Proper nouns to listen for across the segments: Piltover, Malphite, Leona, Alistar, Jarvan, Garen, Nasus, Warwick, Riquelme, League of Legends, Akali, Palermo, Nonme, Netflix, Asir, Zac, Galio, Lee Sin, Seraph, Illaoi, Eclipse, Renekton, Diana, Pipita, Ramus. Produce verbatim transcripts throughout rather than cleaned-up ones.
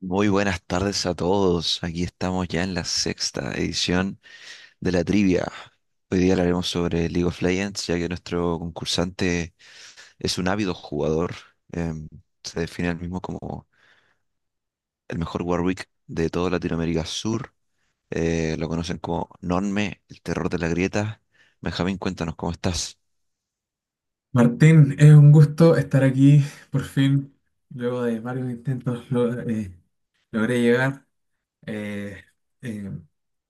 Muy buenas tardes a todos. Aquí estamos ya en la sexta edición de la trivia. Hoy día hablaremos sobre League of Legends, ya que nuestro concursante es un ávido jugador. Em, se define él mismo como el mejor Warwick de toda Latinoamérica Sur. Eh, lo conocen como Nonme, el terror de la grieta. Benjamín, cuéntanos cómo estás. Martín, es un gusto estar aquí, por fin, luego de varios intentos lo- eh, logré llegar. Eh, eh,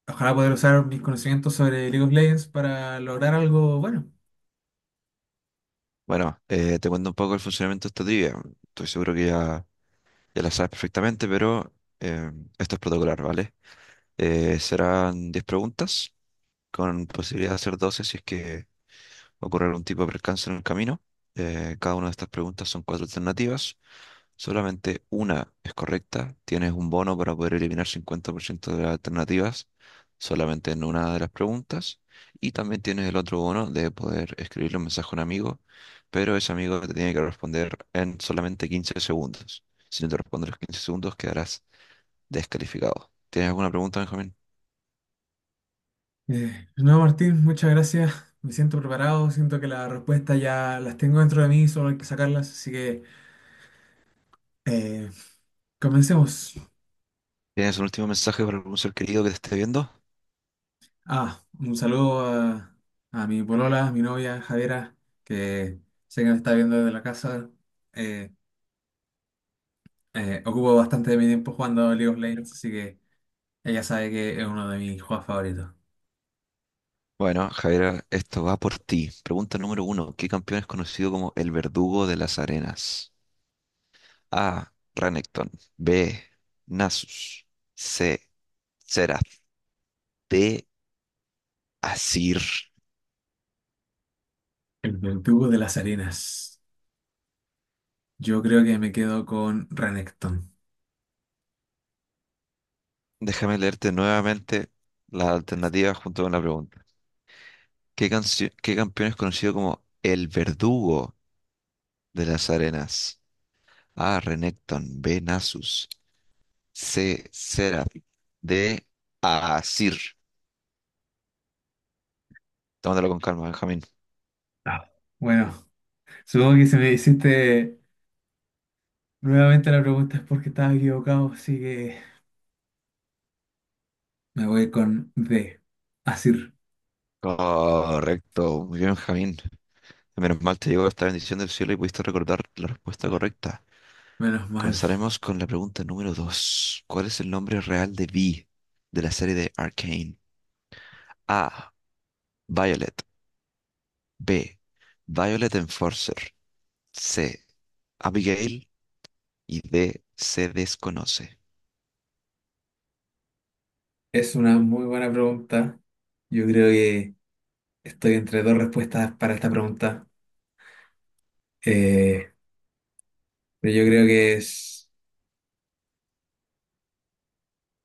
ojalá poder usar mis conocimientos sobre League of Legends para lograr algo bueno. Bueno, eh, te cuento un poco el funcionamiento de esta trivia. Estoy seguro que ya, ya la sabes perfectamente, pero em, esto es protocolar, ¿vale? Eh, serán diez preguntas, con posibilidad de hacer doce si es que ocurre algún tipo de percance en el camino. Eh, cada una de estas preguntas son cuatro alternativas. Solamente una es correcta. Tienes un bono para poder eliminar cincuenta por ciento de las alternativas solamente en una de las preguntas. Y también tienes el otro bono de poder escribirle un mensaje a un amigo, pero ese amigo te tiene que responder en solamente quince segundos. Si no te responde en los quince segundos, quedarás descalificado. ¿Tienes alguna pregunta, Benjamín? Eh, no, Martín, muchas gracias. Me siento preparado, siento que las respuestas ya las tengo dentro de mí, solo hay que sacarlas, así que eh, comencemos. ¿Tienes un último mensaje para algún ser querido que te esté viendo? Ah, un saludo a, a mi polola, a mi novia, Javiera, que sé que me está viendo desde la casa. Eh, Eh, ocupo bastante de mi tiempo jugando League of Legends, así que ella sabe que es uno de mis juegos favoritos. Bueno, Javier, esto va por ti. Pregunta número uno. ¿Qué campeón es conocido como el verdugo de las arenas? A. Renekton. B. Nasus. C. Seraph. D. Asir. El del tubo de las arenas. Yo creo que me quedo con Renekton. Déjame leerte nuevamente la alternativa junto con la pregunta. ¿Qué, cancio- qué campeón es conocido como el verdugo de las arenas? A. Renekton. B. Nasus. C. Seraph. D. Asir. Tómatelo con calma, Benjamín. Ah, bueno, supongo que si me hiciste nuevamente la pregunta es porque estaba equivocado, así que me voy con D. Asir. Correcto, muy bien, Benjamín. Menos mal te llegó esta bendición del cielo y pudiste recordar la respuesta Ah, correcta. menos mal. Comenzaremos con la pregunta número dos. ¿Cuál es el nombre real de Vi de la serie de Arcane? A. Violet. B. Violet Enforcer. C. Abigail. Y D. Se desconoce. Es una muy buena pregunta. Yo creo que estoy entre dos respuestas para esta pregunta. Eh, pero yo creo que es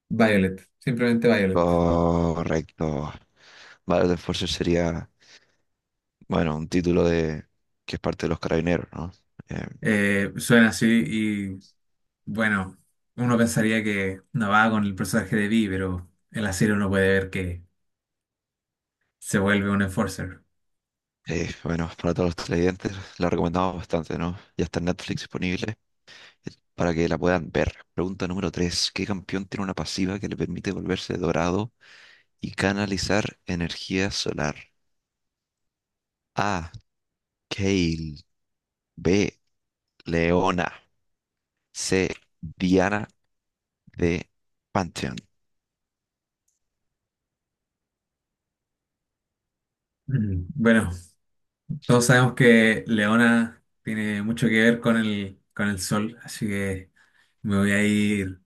Violet, simplemente Violet. Correcto. Violet Enforcer sería, bueno, un título de que es parte de los carabineros, ¿no? Em, Eh, suena así y bueno, uno pensaría que no va con el personaje de Vi, pero en la serie uno puede ver que se vuelve un enforcer. Eh, bueno, para todos los televidentes la recomendamos bastante, ¿no? Ya está en Netflix disponible eh, para que la puedan ver. Pregunta número tres: ¿Qué campeón tiene una pasiva que le permite volverse dorado y canalizar energía solar? A. Kale. B. Leona. C. Diana. D. Pantheon. Mm, bueno, todos sabemos que Leona tiene mucho que ver con el, con el sol, así que me voy a ir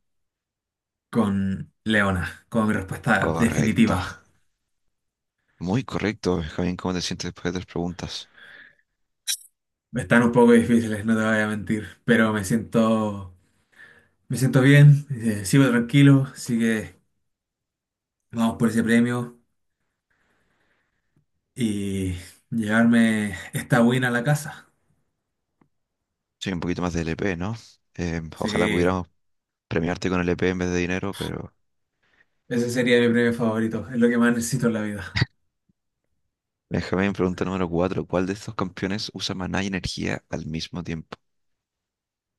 con Leona, como mi respuesta Correcto. definitiva. Muy correcto, Javier. ¿Cómo te sientes después de tres preguntas? Están un poco difíciles, no te voy a mentir, pero me siento, me siento bien, eh, sigo tranquilo, así que vamos por ese premio y llevarme esta win a la casa. Soy un poquito más de L P, ¿no? Em, ojalá Sí, pudiéramos premiarte con el E P en vez de dinero, pero, ese sería mi premio favorito. Es lo que más necesito en la vida. Benjamín, pregunta número cuatro. ¿Cuál de estos campeones usa maná y energía al mismo tiempo?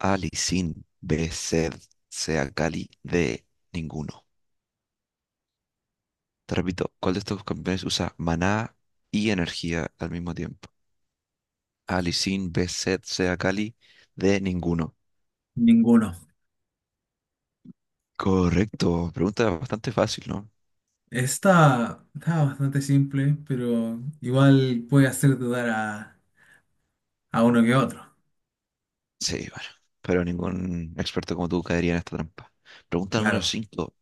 A, Lee Sin. B, Zed. C, Akali. D, ninguno. Te repito, ¿cuál de estos campeones usa maná y energía al mismo tiempo? A, Lee Sin. B, Zed. C, Akali. D, ninguno. Ninguno. Correcto. Pregunta bastante fácil, ¿no? Está, está bastante simple, pero igual puede hacer dudar a, a uno que otro. Sí, bueno. Pero ningún experto como tú caería en esta trampa. Pregunta número Claro, cinco.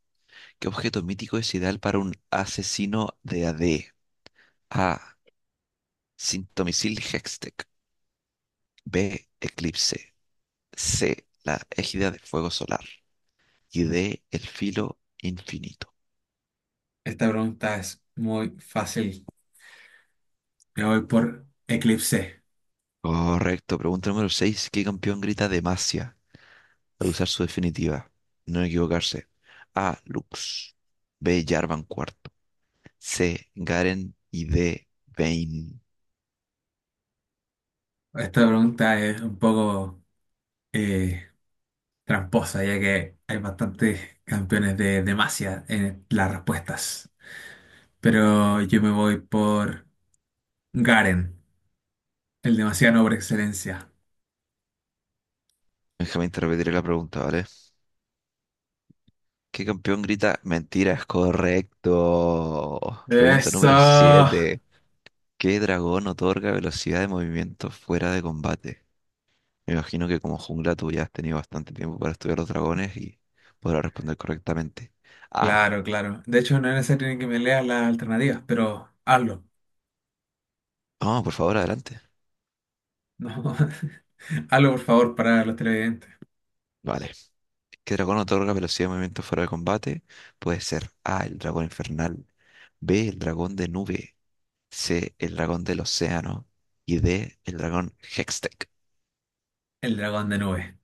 ¿Qué objeto mítico es ideal para un asesino de A D? A. Sintomisil Hextech. B. Eclipse. C. La égida de fuego solar. Y D. El filo infinito. esta pregunta es muy fácil. Me voy por eclipse. Correcto. Pregunta número seis. ¿Qué campeón grita Demacia al usar su definitiva? No equivocarse. A. Lux. B. Jarvan cuarto. C. Garen. Y D. Vayne. Esta pregunta es un poco eh, tramposa, ya que hay bastantes campeones de demasia en las respuestas. Pero yo me voy por Garen, el demasiado por excelencia. Déjame te repetiré la pregunta, ¿vale? ¿Qué campeón grita mentiras? Correcto. Pregunta número Eso. siete. ¿Qué dragón otorga velocidad de movimiento fuera de combate? Me imagino que como jungla tú ya has tenido bastante tiempo para estudiar los dragones y podrás responder correctamente. Ah, Claro, claro. De hecho, no es necesario que me leas las alternativas, pero hazlo. no, por favor, adelante. No. Hazlo, por favor, para los televidentes. Vale. ¿Qué dragón otorga velocidad de movimiento fuera de combate? Puede ser A, el dragón infernal, B, el dragón de nube, C, el dragón del océano y D, el dragón Hextech. El dragón de nube.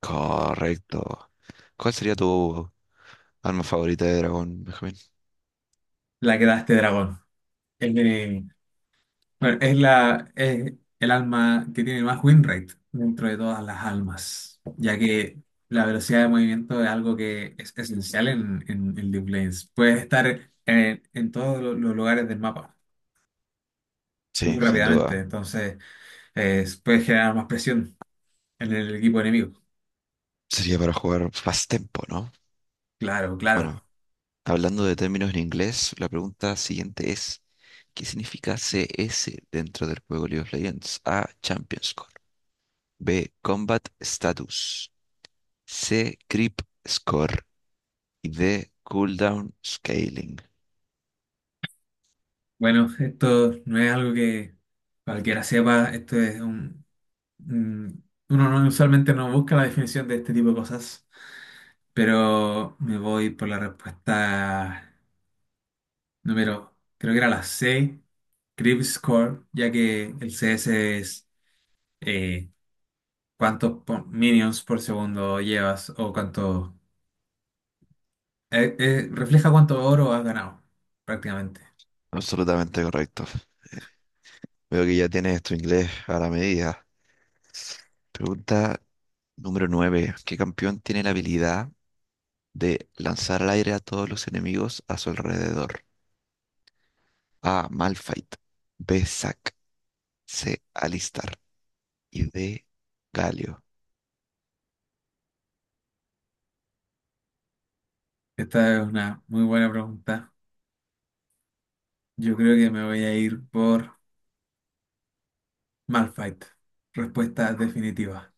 Correcto. ¿Cuál sería tu arma favorita de dragón, Benjamín? La que da este dragón. El de... Bueno, es la, es el alma que tiene más win rate dentro de todas las almas, ya que la velocidad de movimiento es algo que es esencial en, en, en League of Legends. Puedes estar en, en todos lo- los lugares del mapa Sí, muy sin rápidamente, duda. entonces Es- puede generar más presión en el equipo enemigo. Sería para jugar Fast Tempo, ¿no? Claro, Bueno, claro. hablando de términos en inglés, la pregunta siguiente es, ¿qué significa C S dentro del juego League of Legends? A. Champion Score. B. Combat Status. C. Creep Score. Y D. Cooldown Scaling. Bueno, esto no es algo que cualquiera sepa. Esto es un, un- uno no, usualmente no busca la definición de este tipo de cosas, pero me voy por la respuesta número, creo que era la C, creep score, ya que el C S es eh, cuántos po- minions por segundo llevas o cuánto eh, eh, refleja cuánto oro has ganado, prácticamente. Absolutamente correcto. Veo que ya tienes tu inglés a la medida. Pregunta número nueve: ¿Qué campeón tiene la habilidad de lanzar al aire a todos los enemigos a su alrededor? A. Malphite. B. Zac. C, alistar y D, Galio. Esta es una muy buena pregunta. Yo creo que me voy a ir por Malphite. Respuesta definitiva.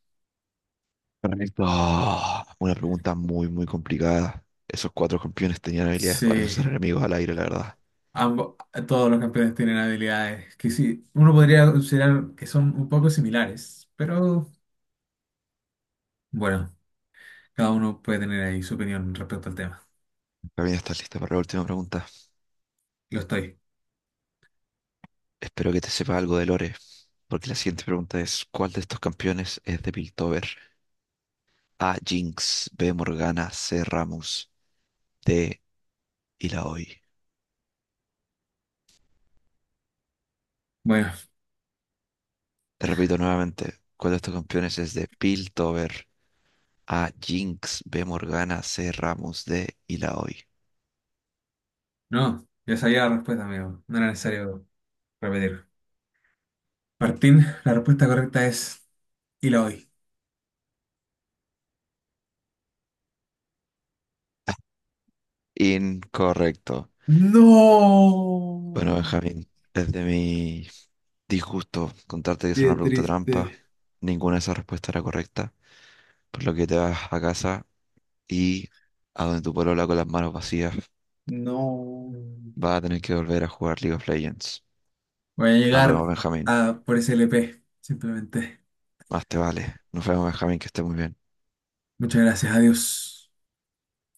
Correcto. Ah, una pregunta muy, muy complicada. Esos cuatro campeones tenían habilidades para Sí, usar enemigos al aire, la verdad. ambos, todos los campeones tienen habilidades que sí, uno podría considerar que son un poco similares, pero bueno, cada uno puede tener ahí su opinión respecto al tema. Camila, ¿estás lista para la última pregunta? Lo estoy. Espero que te sepa algo de Lore, porque la siguiente pregunta es, ¿cuál de estos campeones es de Piltover? A, Jinx, B, Morgana, C, Ramus, D, Illaoi. Bueno, Te repito nuevamente, ¿cuál de estos campeones es de Piltover? A, Jinx, B, Morgana, C, Ramus, D, Illaoi. no, ya sabía la respuesta, amigo. No era necesario repetir. Martín, la respuesta correcta es Eloy. Incorrecto. No, Bueno, Benjamín, desde mi disgusto contarte que es qué una pregunta trampa, triste. ninguna de esas respuestas era correcta, por lo que te vas a casa y a donde tu polola con las manos vacías No. va a tener que volver a jugar League of Legends. Voy a Nos llegar vemos, Benjamín. a por ese L P, simplemente. Más te vale. Nos vemos, Benjamín, que estés muy bien. Muchas gracias, adiós.